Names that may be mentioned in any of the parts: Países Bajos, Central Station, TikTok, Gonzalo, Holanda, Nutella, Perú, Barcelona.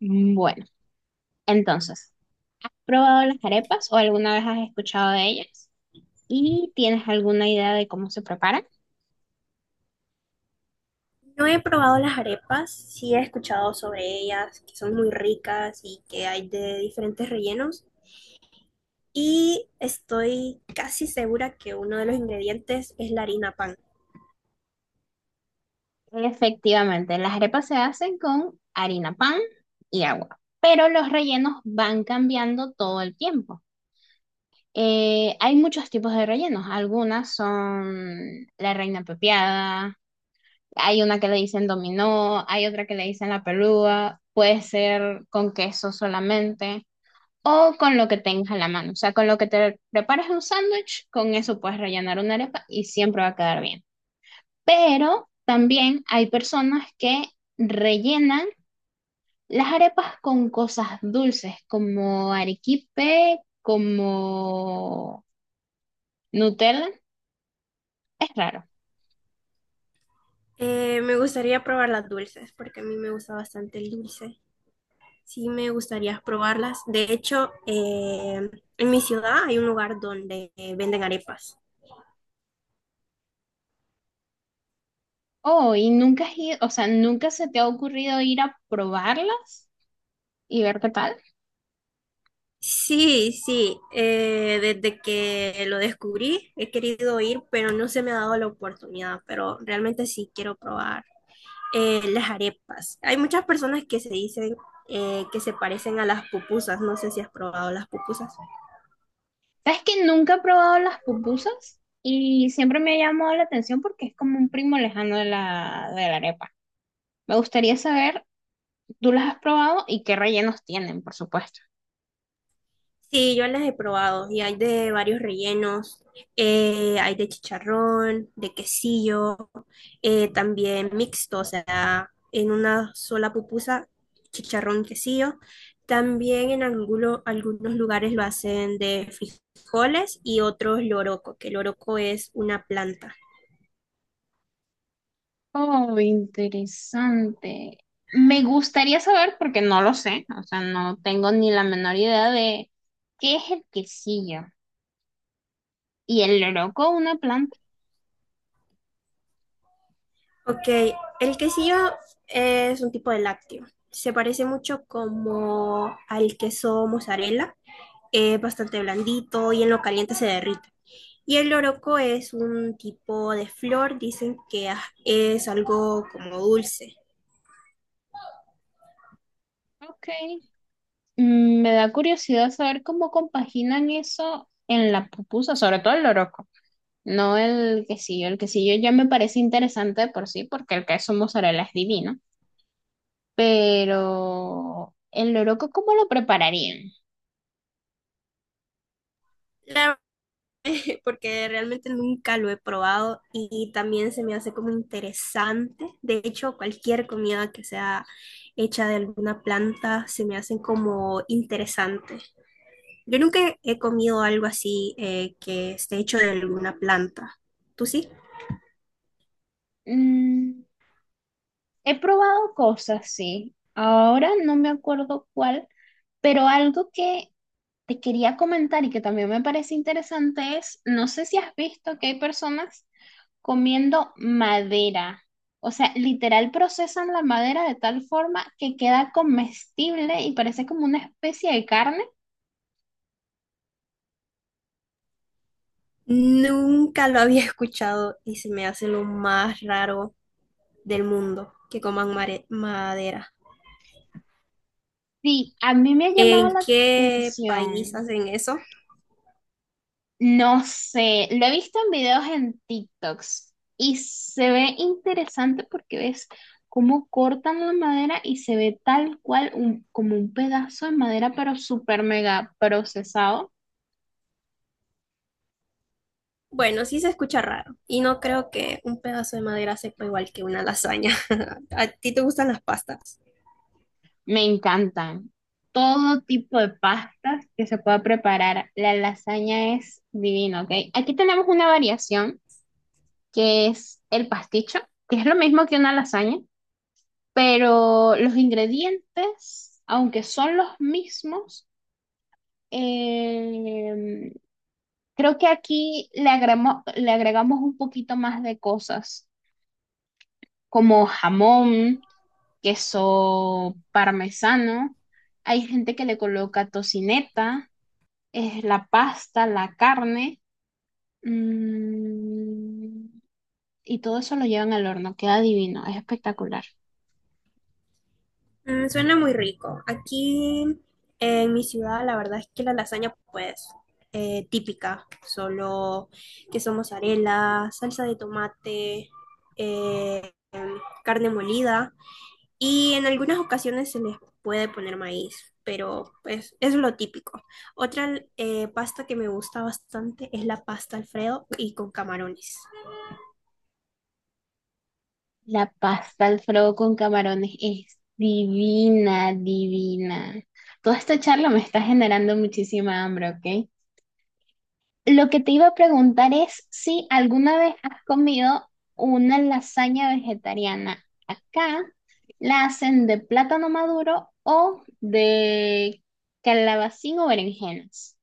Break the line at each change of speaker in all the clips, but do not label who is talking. Bueno, entonces, ¿probado las arepas o alguna vez has escuchado de ellas? ¿Y tienes alguna idea de cómo se preparan?
No he probado las arepas, sí he escuchado sobre ellas, que son muy ricas y que hay de diferentes rellenos. Y estoy casi segura que uno de los ingredientes es la harina pan.
Efectivamente, las arepas se hacen con harina pan y agua, pero los rellenos van cambiando todo el tiempo. Hay muchos tipos de rellenos, algunas son la reina pepiada, hay una que le dicen dominó, hay otra que le dicen la pelúa, puede ser con queso solamente. O con lo que tengas a la mano. O sea, con lo que te prepares un sándwich, con eso puedes rellenar una arepa y siempre va a quedar bien. Pero también hay personas que rellenan las arepas con cosas dulces, como arequipe, como Nutella. Es raro.
Me gustaría probar las dulces, porque a mí me gusta bastante el dulce. Sí me gustaría probarlas. De hecho, en mi ciudad hay un lugar donde venden arepas.
Oh, y nunca o sea, nunca se te ha ocurrido ir a probarlas y ver qué tal.
Sí, sí, desde que lo descubrí he querido ir, pero no se me ha dado la oportunidad, pero realmente sí quiero probar las arepas. Hay muchas personas que se dicen que se parecen a las pupusas, no sé si has probado las pupusas.
Sabes que nunca he probado las pupusas y siempre me ha llamado la atención porque es como un primo lejano de la arepa. Me gustaría saber, ¿tú las has probado y qué rellenos tienen, por supuesto?
Sí, yo las he probado y hay de varios rellenos, hay de chicharrón, de quesillo, también mixto, o sea, en una sola pupusa, chicharrón, quesillo. También en algunos lugares lo hacen de frijoles y otros loroco, que el loroco es una planta.
Oh, interesante. Me gustaría saber porque no lo sé, o sea, no tengo ni la menor idea de qué es el quesillo y el loroco, una planta.
Ok, el quesillo es un tipo de lácteo. Se parece mucho como al queso mozzarella, es bastante blandito y en lo caliente se derrite. Y el loroco es un tipo de flor, dicen que es algo como dulce.
Ok. Me da curiosidad saber cómo compaginan eso en la pupusa, sobre todo el loroco. No el quesillo, el quesillo ya me parece interesante de por sí, porque el queso mozzarella es divino. Pero el loroco, ¿cómo lo prepararían?
La- Porque realmente nunca lo he probado y también se me hace como interesante. De hecho, cualquier comida que sea hecha de alguna planta se me hacen como interesante. Yo nunca he comido algo así, que esté hecho de alguna planta. ¿Tú sí?
Mm, he probado cosas, sí. Ahora no me acuerdo cuál, pero algo que te quería comentar y que también me parece interesante es, no sé si has visto que hay personas comiendo madera. O sea, literal procesan la madera de tal forma que queda comestible y parece como una especie de carne.
Nunca lo había escuchado y se me hace lo más raro del mundo que coman madera.
Sí, a mí me ha llamado
¿En
la
qué país
atención.
hacen eso?
No sé, lo he visto en videos en TikToks y se ve interesante porque ves cómo cortan la madera y se ve tal cual como un pedazo de madera, pero súper mega procesado.
Bueno, sí se escucha raro y no creo que un pedazo de madera sepa igual que una lasaña. ¿A ti te gustan las pastas?
Me encantan todo tipo de pastas que se pueda preparar. La lasaña es divina, ¿ok? Aquí tenemos una variación que es el pasticho, que es lo mismo que una lasaña pero los ingredientes, aunque son los mismos, eh, creo que aquí le agregamos un poquito más de cosas, como jamón, queso parmesano. Hay gente que le coloca tocineta, es la pasta, la carne, mm, y todo eso lo llevan al horno, queda divino, es espectacular.
Mm, suena muy rico. Aquí en mi ciudad, la verdad es que la lasaña, pues, típica, solo queso mozzarella, salsa de tomate, eh, em, carne molida y en algunas ocasiones se les puede poner maíz, pero pues es lo típico. Otra pasta que me gusta bastante es la pasta Alfredo y con camarones.
La pasta Alfredo con camarones es divina, divina. Toda esta charla me está generando muchísima hambre, ¿ok? Lo que te iba a preguntar es si alguna vez has comido una lasaña vegetariana. Acá la hacen de plátano maduro o de calabacín o berenjenas.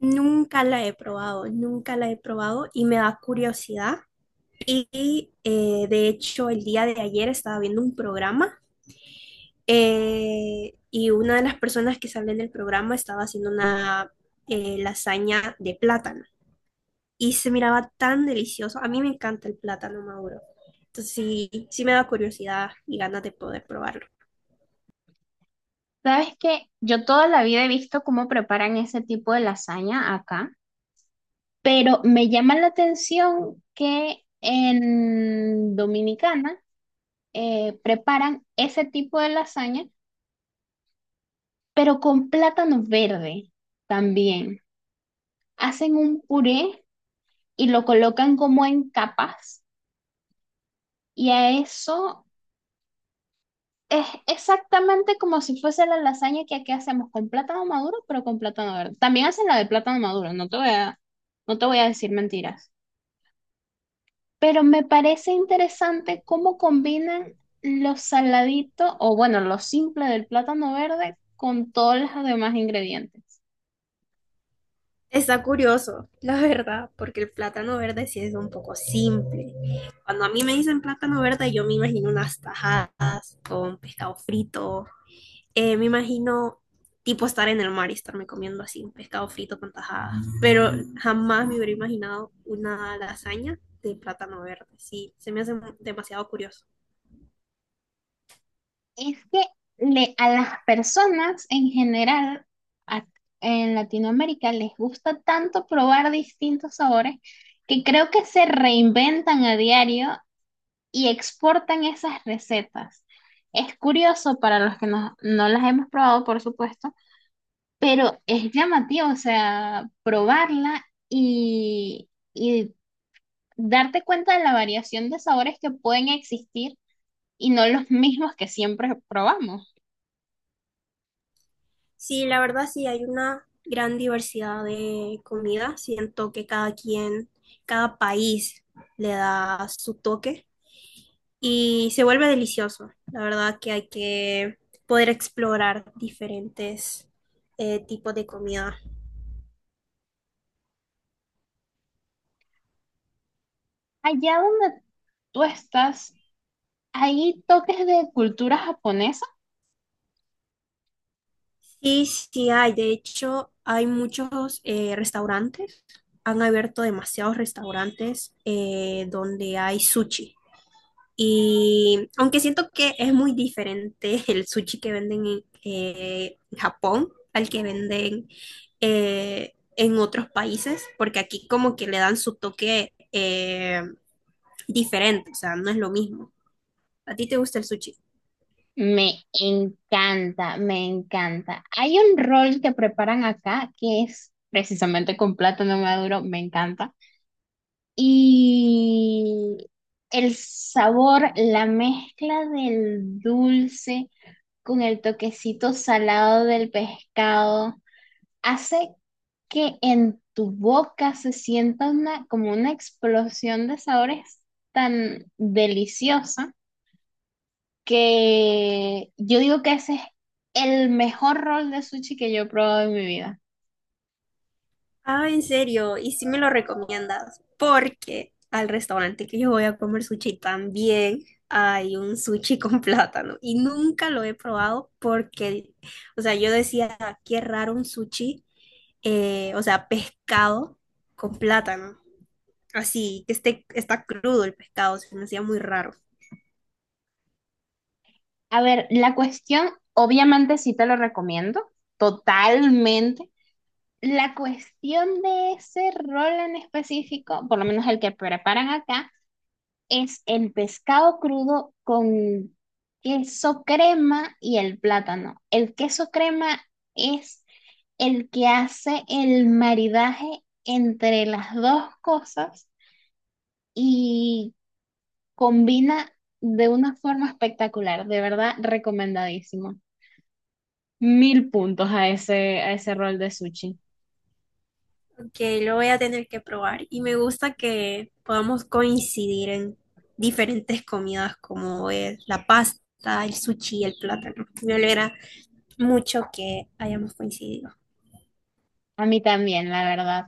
Nunca la he probado, nunca la he probado y me da curiosidad. Y de hecho, el día de ayer estaba viendo un programa y una de las personas que sale en el programa estaba haciendo una lasaña de plátano y se miraba tan delicioso. A mí me encanta el plátano maduro. Entonces sí, sí me da curiosidad y ganas de poder probarlo.
¿Sabes qué? Yo toda la vida he visto cómo preparan ese tipo de lasaña acá. Pero me llama la atención que en Dominicana preparan ese tipo de lasaña, pero con plátano verde también. Hacen un puré y lo colocan como en capas y a eso es exactamente como si fuese la lasaña que aquí hacemos con plátano maduro, pero con plátano verde. También hacen la de plátano maduro, no te voy a decir mentiras. Pero me parece interesante cómo combinan lo saladito o bueno, lo simple del plátano verde con todos los demás ingredientes.
Está curioso, la verdad, porque el plátano verde sí es un poco simple. Cuando a mí me dicen plátano verde, yo me imagino unas tajadas con pescado frito. Me imagino tipo estar en el mar y estarme comiendo así un pescado frito con tajadas, pero jamás me hubiera imaginado una lasaña de plátano verde. Sí, se me hace demasiado curioso.
Es que a las personas en general a- en Latinoamérica les gusta tanto probar distintos sabores que creo que se reinventan a diario y exportan esas recetas. Es curioso para los que no, no las hemos probado, por supuesto. Pero es llamativo, o sea, probarla y darte cuenta de la variación de sabores que pueden existir y no los mismos que siempre probamos.
Sí, la verdad sí hay una gran diversidad de comida. Siento que cada quien, cada país le da su toque y se vuelve delicioso. La verdad que hay que poder explorar diferentes tipos de comida.
Allá donde tú estás, hay toques de cultura japonesa.
Sí, sí hay. De hecho, hay muchos restaurantes. Han abierto demasiados restaurantes donde hay sushi. Y aunque siento que es muy diferente el sushi que venden en Japón al que venden en otros países, porque aquí como que le dan su toque diferente, o sea, no es lo mismo. ¿A ti te gusta el sushi?
Me encanta, me encanta. Hay un rol que preparan acá que es precisamente con plátano maduro, me encanta. Y el sabor, la mezcla del dulce con el toquecito salado del pescado, hace que en tu boca se sienta como una explosión de sabores tan deliciosa que yo digo que ese es el mejor rol de sushi que yo he probado en mi vida.
Ah, en serio, y sí me lo recomiendas, porque al restaurante que yo voy a comer sushi también hay un sushi con plátano y nunca lo he probado porque, o sea, yo decía, qué raro un sushi, o sea, pescado con plátano, así que esté, está crudo el pescado, se me hacía muy raro.
A ver, la cuestión, obviamente sí te lo recomiendo, totalmente. La cuestión de ese rol en específico, por lo menos el que preparan acá, es el pescado crudo con queso crema y el plátano. El queso crema es el que hace el maridaje entre las dos cosas y combina de una forma espectacular, de verdad recomendadísimo. Mil puntos a a ese rol de sushi.
Que lo voy a tener que probar. Y me gusta que podamos coincidir en diferentes comidas como es la pasta, el sushi, el plátano. Me alegra mucho que hayamos coincidido.
A mí también, la verdad.